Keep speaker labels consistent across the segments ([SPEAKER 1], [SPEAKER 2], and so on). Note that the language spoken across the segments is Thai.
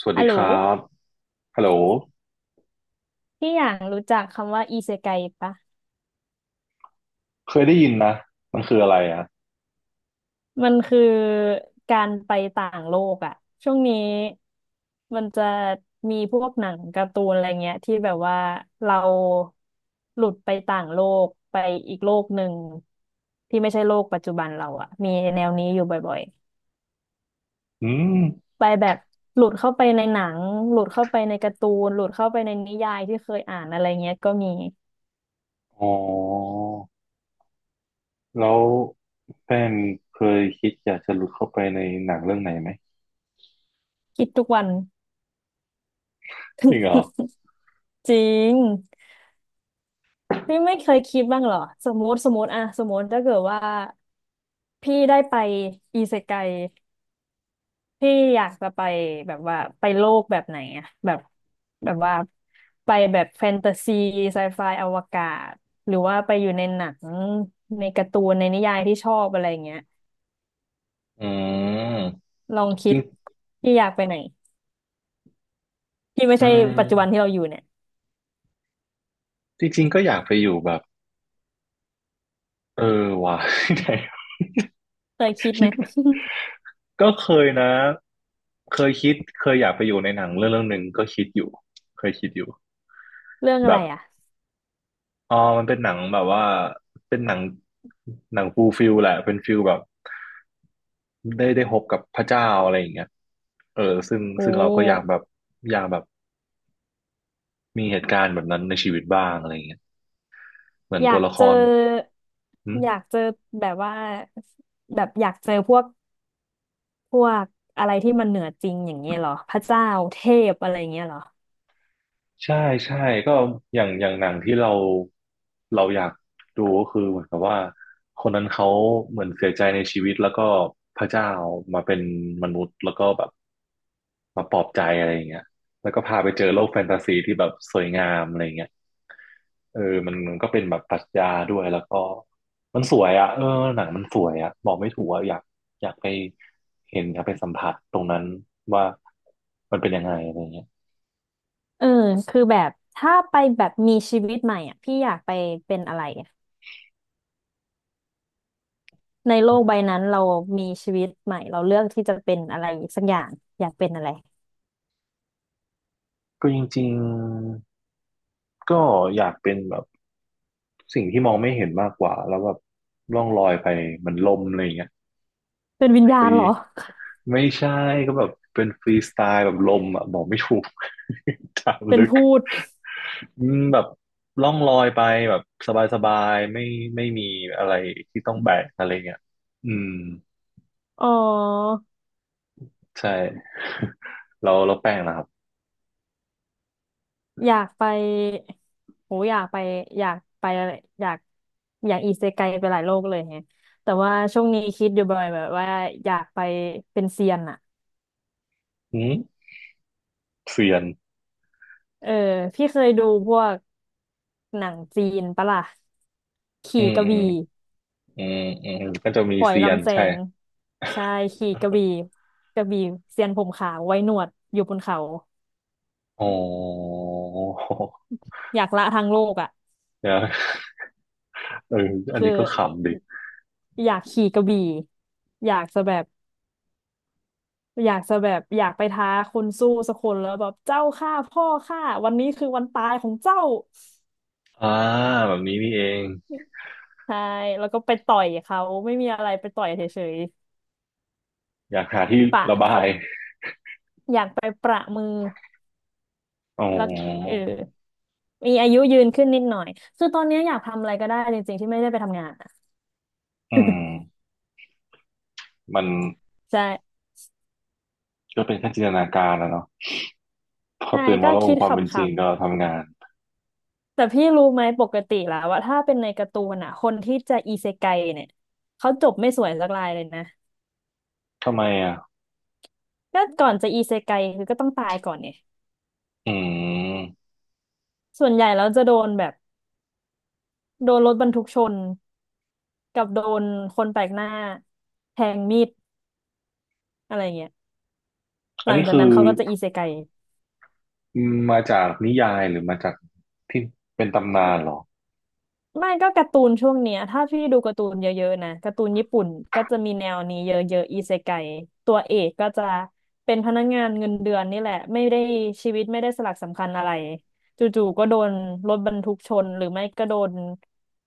[SPEAKER 1] สวัส
[SPEAKER 2] ฮั
[SPEAKER 1] ดี
[SPEAKER 2] ลโหล
[SPEAKER 1] ครับฮัลโหล
[SPEAKER 2] พี่อย่างรู้จักคำว่าอิเซไกปะ
[SPEAKER 1] เคยได้ยินนะมันคืออะไรอ่ะ
[SPEAKER 2] มันคือการไปต่างโลกอะช่วงนี้มันจะมีพวกหนังการ์ตูนอะไรเงี้ยที่แบบว่าเราหลุดไปต่างโลกไปอีกโลกหนึ่งที่ไม่ใช่โลกปัจจุบันเราอะมีแนวนี้อยู่บ่อย
[SPEAKER 1] อืม
[SPEAKER 2] ๆไปแบบหลุดเข้าไปในหนังหลุดเข้าไปในการ์ตูนหลุดเข้าไปในนิยายที่เคยอ่านอะไรเงี้ยก็มี
[SPEAKER 1] อ๋อแล้วแป้งเคยคิดอยากจะหลุดเข้าไปในหนังเรื่องไหนไหม
[SPEAKER 2] คิดทุกวัน
[SPEAKER 1] จริงเหรอ
[SPEAKER 2] จริง พี่ไม่เคยคิดบ้างเหรอสมมติถ้าเกิดว่าพี่ได้ไปอิเซไกพี่อยากจะไปแบบว่าไปโลกแบบไหนอะแบบแบบว่าไปแบบแฟนตาซีไซไฟอวกาศหรือว่าไปอยู่ในหนังในการ์ตูนในนิยายที่ชอบอะไรเงี้ย
[SPEAKER 1] อืม
[SPEAKER 2] ลองคิ
[SPEAKER 1] จ
[SPEAKER 2] ด
[SPEAKER 1] ริง
[SPEAKER 2] พี่อยากไปไหนที่ไม่
[SPEAKER 1] อื
[SPEAKER 2] ใช่ปัจจุบัน
[SPEAKER 1] ม
[SPEAKER 2] ที่เราอยู่เนี่ย
[SPEAKER 1] จริงๆก็อยากไปอยู่แบบเออว่ะ ไหน
[SPEAKER 2] เคยคิดไห
[SPEAKER 1] คิ
[SPEAKER 2] ม
[SPEAKER 1] ดก็เคยนะ เคยคิดเคยอยากไปอยู่ในหนังเรื่องหนึ่งก็คิดอยู่เคยคิดอยู่
[SPEAKER 2] เรื่องอะ
[SPEAKER 1] แบ
[SPEAKER 2] ไร
[SPEAKER 1] บ
[SPEAKER 2] อะ
[SPEAKER 1] อ๋อมันเป็นหนังแบบว่าเป็นหนังหนังฟูลฟิลแหละเป็นฟิลแบบ ได้พบกับพระเจ้าอะไรอย่างเงี้ยเออซึ่ง
[SPEAKER 2] โอ
[SPEAKER 1] ซึ่งเราก็อยาก
[SPEAKER 2] ้
[SPEAKER 1] แบบอยากแบบมีเหตุการณ์แบบนั้นในชีวิตบ้างอะไรอย่างเงี้ยเหมือน
[SPEAKER 2] อยา
[SPEAKER 1] ตัว
[SPEAKER 2] ก
[SPEAKER 1] ละค
[SPEAKER 2] เจอ
[SPEAKER 1] รหึ
[SPEAKER 2] อยากเจอแบบว่าแบบอยากเจอพวกพวกอะไรที่มันเหนือจริงอย่างเงี้ยเหรอพระเจ้าเทพอะไรอย่างเงี้ยเหรอ
[SPEAKER 1] ใช่ใช่ก็อย่างอย่างหนังที่เราอยากดูก็คือเหมือนกับว่าคนนั้นเขาเหมือนเสียใจในชีวิตแล้วก็พระเจ้ามาเป็นมนุษย์แล้วก็แบบมาปลอบใจอะไรอย่างเงี้ยแล้วก็พาไปเจอโลกแฟนตาซีที่แบบสวยงามอะไรอย่างเงี้ยเออมันก็เป็นแบบปรัชญาด้วยแล้วก็มันสวยอ่ะเออหนังมันสวยอ่ะบอกไม่ถูกอ่ะอยากอยากไปเห็นอยากไปสัมผัสตรงนั้นว่ามันเป็นยังไงอะไรอย่างเงี้ย
[SPEAKER 2] เออคือแบบถ้าไปแบบมีชีวิตใหม่อ่ะพี่อยากไปเป็นอะไรอะในโลกใบนั้นเรามีชีวิตใหม่เราเลือกที่จะเป็นอะไรสักอย่างอยากเป็นอะไร
[SPEAKER 1] ก็จริงๆ ก็อยากเป็นแบบสิ่งที่มองไม่เห็นมากกว่าแล้วแบบล่องลอยไปเหมันลมอะไรอย่างเงี้ย
[SPEAKER 2] เป็นวิญ
[SPEAKER 1] ฟ
[SPEAKER 2] ญาณ
[SPEAKER 1] รี
[SPEAKER 2] เหรอ
[SPEAKER 1] ไม่ใช่ก็แบบเป็นฟรีสไตล์แบบลมอ่ะบอกไม่ถูก ถาม
[SPEAKER 2] เป็น
[SPEAKER 1] ลึก
[SPEAKER 2] พูด
[SPEAKER 1] อืมแบบล่องลอยไปแบบสบายๆไม่มีอะไรที่ต้องแบกอะไรเงี้ยอืม
[SPEAKER 2] อ๋อ
[SPEAKER 1] ใช่เราแป้งนะครับ
[SPEAKER 2] อยากไปโหอยากไปอยากไปอะไรอยากอยากอิเซไกไปหลายโลกเลยแฮะแต่ว่าช่วงนี้คิดอยู่บ่อยแบบว่าอยากไปเป็นเซียนอะ
[SPEAKER 1] อืมเซียน
[SPEAKER 2] เออพี่เคยดูพวกหนังจีนปะล่ะ
[SPEAKER 1] อื
[SPEAKER 2] ขี่
[SPEAKER 1] ม
[SPEAKER 2] กระ
[SPEAKER 1] อืม
[SPEAKER 2] บี่
[SPEAKER 1] อืมอืมก็จะมี
[SPEAKER 2] ปล่อย
[SPEAKER 1] เซียน
[SPEAKER 2] ลำแส
[SPEAKER 1] ใช่
[SPEAKER 2] งใช่ขี่กระบี่กระบี่เซียนผมขาวไว้หนวดอยู่บนเขา
[SPEAKER 1] อ๋อ
[SPEAKER 2] อยากละทางโลกอ่ะ
[SPEAKER 1] เดี๋ยวเอออัน
[SPEAKER 2] คือ
[SPEAKER 1] นี้ก็ขำดิ
[SPEAKER 2] อยากขี่กระบี่อยากจะแบบ อยากจะแบบอยากไปท้าคนสู้สักคนแล้วแบบเจ้าฆ่าพ่อข้าวันนี้คือวันตายของเจ้า
[SPEAKER 1] อ่าแบบนี้นี่เอง
[SPEAKER 2] ใช่แล้วก็ไปต่อยเขาไม่มีอะไรไปต่อยเฉย
[SPEAKER 1] อยากหาที่
[SPEAKER 2] ๆปะ
[SPEAKER 1] ระบา
[SPEAKER 2] เขา
[SPEAKER 1] ย
[SPEAKER 2] อยากไปประมือ
[SPEAKER 1] อ๋
[SPEAKER 2] แล้วเอ
[SPEAKER 1] อ
[SPEAKER 2] อมีอายุยืนขึ้นนิดหน่อยคือตอนนี้อยากทำอะไรก็ได้จริงๆที่ไม่ได้ไปทำงานอะ
[SPEAKER 1] อืมมัน
[SPEAKER 2] ใช่
[SPEAKER 1] ก็เป็นแค่จินตนาการนะเนาะพอ
[SPEAKER 2] ใช่
[SPEAKER 1] ตื่น
[SPEAKER 2] ก็
[SPEAKER 1] มาแล้
[SPEAKER 2] คิ
[SPEAKER 1] งค
[SPEAKER 2] ด
[SPEAKER 1] ความเป็นจริง
[SPEAKER 2] ขำ
[SPEAKER 1] ก็ทำงาน
[SPEAKER 2] ๆแต่พี่รู้ไหมปกติแล้วว่าถ้าเป็นในการ์ตูนอ่ะคนที่จะอิเซไกเนี่ยเขาจบไม่สวยสักรายเลยนะ
[SPEAKER 1] ทำไมอ่ะ
[SPEAKER 2] ก็ก่อนจะอีเซไกคือก็ต้องตายก่อนไง
[SPEAKER 1] อืม
[SPEAKER 2] ส่วนใหญ่แล้วจะโดนแบบโดนรถบรรทุกชนกับโดนคนแปลกหน้าแทงมีดอะไรเงี้ยห
[SPEAKER 1] อั
[SPEAKER 2] ลั
[SPEAKER 1] น
[SPEAKER 2] ง
[SPEAKER 1] นี้
[SPEAKER 2] จาก
[SPEAKER 1] คื
[SPEAKER 2] นั้
[SPEAKER 1] อ
[SPEAKER 2] นเขาก็จะอิเซไก
[SPEAKER 1] มาจากนิยายหรือมาจากที่เป็นตำนานเหรอ
[SPEAKER 2] ไม่ก็การ์ตูนช่วงเนี้ยถ้าพี่ดูการ์ตูนเยอะๆนะการ์ตูนญี่ปุ่นก็จะมีแนวนี้เยอะๆอิเซไกตัวเอกก็จะเป็นพนักงานเงินเดือนนี่แหละไม่ได้ชีวิตไม่ได้สลักสำคัญอะไรจู่ๆก็โดนรถบรรทุกชนหรือไม่ก็โดน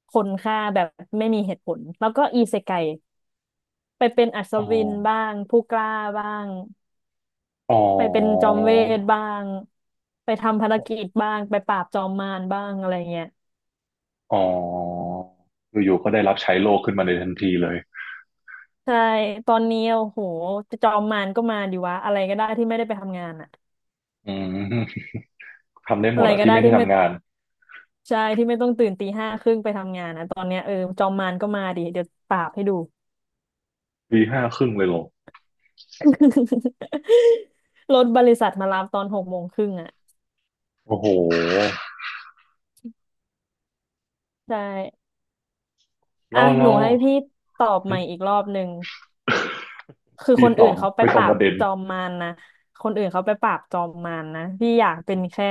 [SPEAKER 2] คนฆ่าแบบไม่มีเหตุผลแล้วก็อิเซไก ไปเป็นอัศ
[SPEAKER 1] อ๋อ
[SPEAKER 2] วินบ้างผู้กล้าบ้าง
[SPEAKER 1] อ๋อ
[SPEAKER 2] ไปเป็นจอมเวทบ้างไปทำภารกิจบ้างไปปราบจอมมารบ้างอะไรเงี้ย
[SPEAKER 1] อ๋ออยู่ๆก็ได้รับใช้โลกขึ้นมาในทันทีเลย
[SPEAKER 2] ใช่ตอนนี้โอ้โหจอมมารก็มาดีวะอะไรก็ได้ที่ไม่ได้ไปทำงานอะ
[SPEAKER 1] อืมทำได้หม
[SPEAKER 2] อะ
[SPEAKER 1] ด
[SPEAKER 2] ไร
[SPEAKER 1] อะ
[SPEAKER 2] ก็
[SPEAKER 1] ที่
[SPEAKER 2] ได้
[SPEAKER 1] ไม่ใช่
[SPEAKER 2] ที่ไม่
[SPEAKER 1] ทำงาน
[SPEAKER 2] ใช่ที่ไม่ต้องตื่นตีห้าครึ่งไปทำงานนะตอนเนี้ยเออจอมมารก็มาดิเดี๋ยวปราบให้ดู
[SPEAKER 1] วี5 ครึ่งเลยเหรอ
[SPEAKER 2] รถบริษัทมารับตอนหกโมงครึ่งอะ
[SPEAKER 1] โอ้โห
[SPEAKER 2] ใช่อ่ะ
[SPEAKER 1] แล้ว
[SPEAKER 2] ห
[SPEAKER 1] แล้
[SPEAKER 2] นู
[SPEAKER 1] ว
[SPEAKER 2] ให้พี่ตอบใหม่อีกรอบหนึ่ง คือ
[SPEAKER 1] พี่
[SPEAKER 2] คน
[SPEAKER 1] ต
[SPEAKER 2] อื่
[SPEAKER 1] อ
[SPEAKER 2] น
[SPEAKER 1] บ
[SPEAKER 2] เขาไป
[SPEAKER 1] ไปต
[SPEAKER 2] ป
[SPEAKER 1] รง
[SPEAKER 2] รา
[SPEAKER 1] ป
[SPEAKER 2] บ
[SPEAKER 1] ระเด็น
[SPEAKER 2] จอมมารนะคนอื่นเขาไปปราบจอมมารนะพี่อยากเป็นแค่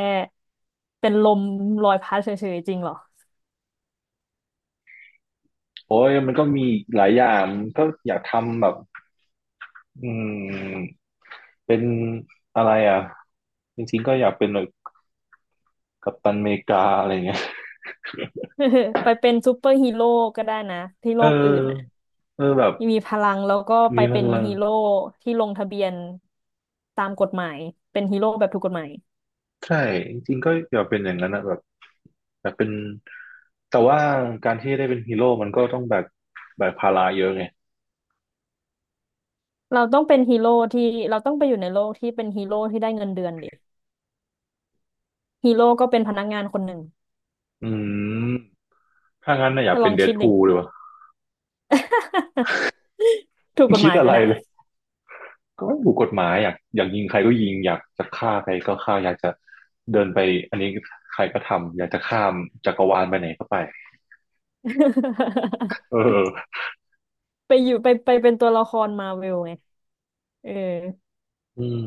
[SPEAKER 2] เป็นลมลอยพัดเฉยๆจริงเหรอ
[SPEAKER 1] โอ้ยมันก็มีหลายอย่างมันก็อยากทำแบบอืมเป็นอะไรอ่ะจริงๆก็อยากเป็นแบบกัปตันอเมริกาอะไรเงี้ย
[SPEAKER 2] ไปเป็นซูเปอร์ฮีโร่ก็ได้นะที่
[SPEAKER 1] เ
[SPEAKER 2] โลกอื่นน่ะ
[SPEAKER 1] ออเออแบบ
[SPEAKER 2] มีพลังแล้วก็ไป
[SPEAKER 1] มีพ
[SPEAKER 2] เป็น
[SPEAKER 1] ลัง
[SPEAKER 2] ฮีโร่ที่ลงทะเบียนตามกฎหมายเป็นฮีโร่แบบถูกกฎหมาย
[SPEAKER 1] ใช่จริงๆก็อยากเป็นอย่างนั้นนะแบบอยากเป็นแต่ว่าการที่ได้เป็นฮีโร่มันก็ต้องแบกภาระเยอะไง
[SPEAKER 2] เราต้องเป็นฮีโร่ที่เราต้องไปอยู่ในโลกที่เป็นฮีโร่ที่ได้เงินเดือนดิฮีโร่ก็เป็นพนักงานคนหนึ่ง
[SPEAKER 1] อืมถ้างั้นนะอยาก
[SPEAKER 2] ถ้าล
[SPEAKER 1] เป็
[SPEAKER 2] อ
[SPEAKER 1] น
[SPEAKER 2] ง
[SPEAKER 1] เด
[SPEAKER 2] คิ
[SPEAKER 1] ด
[SPEAKER 2] ดดิ
[SPEAKER 1] พูลดีกว่า
[SPEAKER 2] ถูกก ฎห
[SPEAKER 1] คิด
[SPEAKER 2] มายไห
[SPEAKER 1] อะ
[SPEAKER 2] ม
[SPEAKER 1] ไร
[SPEAKER 2] น่ะ
[SPEAKER 1] เลย ก็ถูกกฎหมายอยากยิงใครก็ยิงอยากจะฆ่าใครก็ฆ่าอยากจะเดินไปอันนี้ใครก็ทำอยากจะข้ามจักรวาลไปไหนก็ไป เออ
[SPEAKER 2] ไปอยู่ไปไปเป็นตัวละครมาเวลไง เออ
[SPEAKER 1] อืม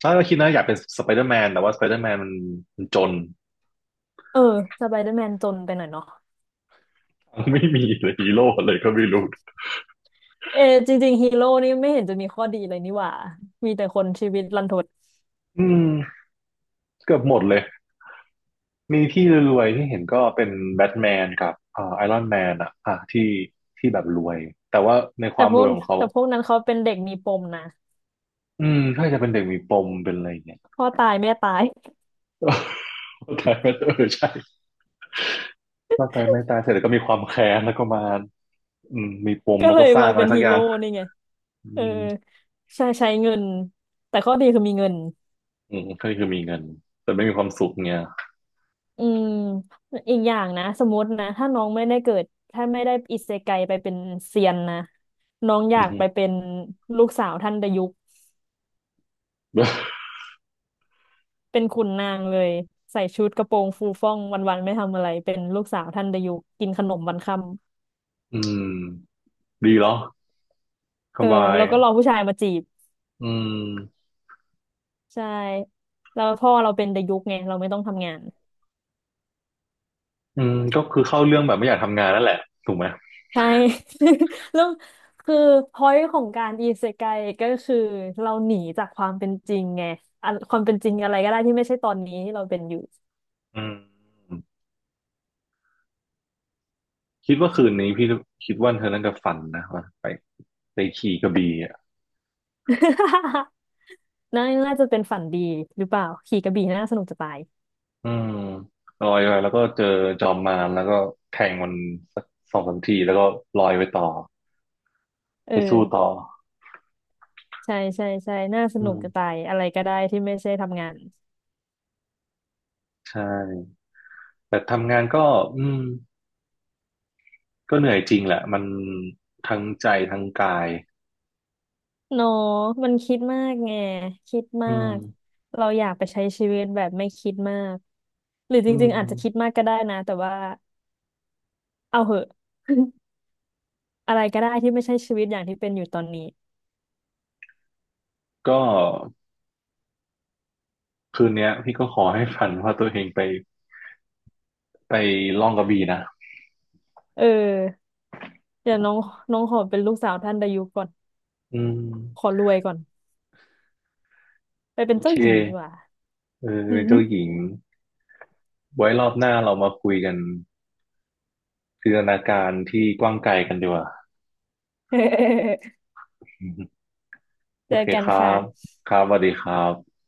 [SPEAKER 1] ถ้าเราคิดนะอยากเป็นสไปเดอร์แมนแต่ว่าสไปเดอร์แมนมันจน
[SPEAKER 2] เออสไปเดอร์แมนจนไปหน่อยเนาะ
[SPEAKER 1] ไม่มีเลยฮีโร่เลยก็ไม่รู้
[SPEAKER 2] เออจริงๆฮีโร่นี่ไม่เห็นจะมีข้อดีเลยนี่หว่ามีแต่คนชีวิตรันทด
[SPEAKER 1] อืมเกือบหมดเลยมีที่รวยๆเห็นก็เป็นแบทแมนกับไอรอนแมนอะอ่ะที่แบบรวยแต่ว่าในค
[SPEAKER 2] แต่
[SPEAKER 1] วาม
[SPEAKER 2] พ
[SPEAKER 1] ร
[SPEAKER 2] ว
[SPEAKER 1] ว
[SPEAKER 2] ก
[SPEAKER 1] ยของเขา
[SPEAKER 2] แต่พวกนั้นเขาเป็นเด็กมีปมนะ
[SPEAKER 1] อืมถ้าจะเป็นเด็กมีปมเป็นอะไรอย่างเงี้ย
[SPEAKER 2] พ่อตายแม่ตาย
[SPEAKER 1] เข้ามเออใช่ ร่างกายไม่ตายเสร็จแล้วก็มีความแค้นแล้วก็มาอืมมีป ม
[SPEAKER 2] ก็
[SPEAKER 1] แล้ว
[SPEAKER 2] เล
[SPEAKER 1] ก็
[SPEAKER 2] ย
[SPEAKER 1] สร้า
[SPEAKER 2] มา
[SPEAKER 1] งอะ
[SPEAKER 2] เป็
[SPEAKER 1] ไร
[SPEAKER 2] น
[SPEAKER 1] สัก
[SPEAKER 2] ฮี
[SPEAKER 1] อย่า
[SPEAKER 2] โร่
[SPEAKER 1] ง
[SPEAKER 2] นี่ไง
[SPEAKER 1] อื
[SPEAKER 2] เออ
[SPEAKER 1] ม
[SPEAKER 2] ใช้เงินแต่ข้อดีคือมีเงิน
[SPEAKER 1] อืมก็คือมีเงินแต่ไม่มีความสุขเงี้ย
[SPEAKER 2] อืมอีกอย่างนะสมมตินะถ้าน้องไม่ได้เกิดถ้าไม่ได้อิเซไกไปเป็นเซียนนะน้องอ
[SPEAKER 1] อื
[SPEAKER 2] ยากไป
[SPEAKER 1] ม
[SPEAKER 2] เป็นลูกสาวท่านดายุก เป็นขุนนางเลยใส่ชุดกระโปรงฟูฟ่องวันๆไม่ทำอะไรเป็นลูกสาวท่านดายุกินขนมวันค่ำ
[SPEAKER 1] อืมดีเหรอส
[SPEAKER 2] เออ
[SPEAKER 1] บาย
[SPEAKER 2] แล้วก็รอผู้ชายมาจีบ
[SPEAKER 1] อืม
[SPEAKER 2] ใช่แล้วพ่อเราเป็นดายุกไงเราไม่ต้องทำงาน
[SPEAKER 1] อืมก็คือเข้าเรื่องแบบไม่อยากทำงานนั่นแหละถูกไหม
[SPEAKER 2] ใช่ แล้วคือพอยต์ของการอิเซไกก็คือเราหนีจากความเป็นจริงไงอันความเป็นจริงอะไรก็ได้ที่ไม่ใช่ตอนนี้ที่เราเป็นอยู่
[SPEAKER 1] อืมคิดว่าคืนนี้พี่คิดว่าเธอน่าจะฝันนะว่าไปไปขี่กระบี่อ่ะ
[SPEAKER 2] น่าน่าจะเป็นฝันดีหรือเปล่าขี่กระบี่น่าสนุกจะตาย
[SPEAKER 1] อืมลอยไปแล้วก็เจอจอมมารแล้วก็แทงมันสัก2 3 ทีแล้วก็ลอยไปต่อ
[SPEAKER 2] เอ
[SPEAKER 1] ไปสู้ต่
[SPEAKER 2] อ
[SPEAKER 1] อ
[SPEAKER 2] ใช่ใช่ใช่น่าส
[SPEAKER 1] อื
[SPEAKER 2] นุกจะตา
[SPEAKER 1] ม
[SPEAKER 2] ยอะไรก็ได้ที่ไม่ใช่ทำงาน
[SPEAKER 1] ใช่แต่ทำงานก็อืมก็เหนื่อยจริงแหละมันทั้งใจทั้งกาย
[SPEAKER 2] เนอะมันคิดมากไงคิด
[SPEAKER 1] อื
[SPEAKER 2] มาก
[SPEAKER 1] ม
[SPEAKER 2] เราอยากไปใช้ชีวิตแบบไม่คิดมากหรือจ
[SPEAKER 1] อื
[SPEAKER 2] ริงๆอาจจะคิด
[SPEAKER 1] ม
[SPEAKER 2] มากก็ได้นะแต่ว่าเอาเหอะ อะไรก็ได้ที่ไม่ใช่ชีวิตอย่างที่เป็นอยู่ตอนนี้
[SPEAKER 1] ก็คืนเนี้ยพี่ก็ขอให้ฝันว่าตัวเองไปไปล่องกระบี่นะ
[SPEAKER 2] เออเดี๋ยวน้องน้องขอเป็นลูกสาวท่านดายุก่อน
[SPEAKER 1] อืม
[SPEAKER 2] ขอรวยก่อนไปเป็
[SPEAKER 1] โอ
[SPEAKER 2] น
[SPEAKER 1] เค
[SPEAKER 2] เจ้าหญิงดีกว่า
[SPEAKER 1] เอ
[SPEAKER 2] อื
[SPEAKER 1] อ
[SPEAKER 2] ม
[SPEAKER 1] เจ้าหญิงไว้รอบหน้าเรามาคุยกันจินตนาการที่กว้างไกลกันดีกว่า โอ
[SPEAKER 2] เจอ
[SPEAKER 1] เค
[SPEAKER 2] กั
[SPEAKER 1] ค
[SPEAKER 2] น
[SPEAKER 1] รั
[SPEAKER 2] ค่ะ
[SPEAKER 1] บครับสวัสดีครับ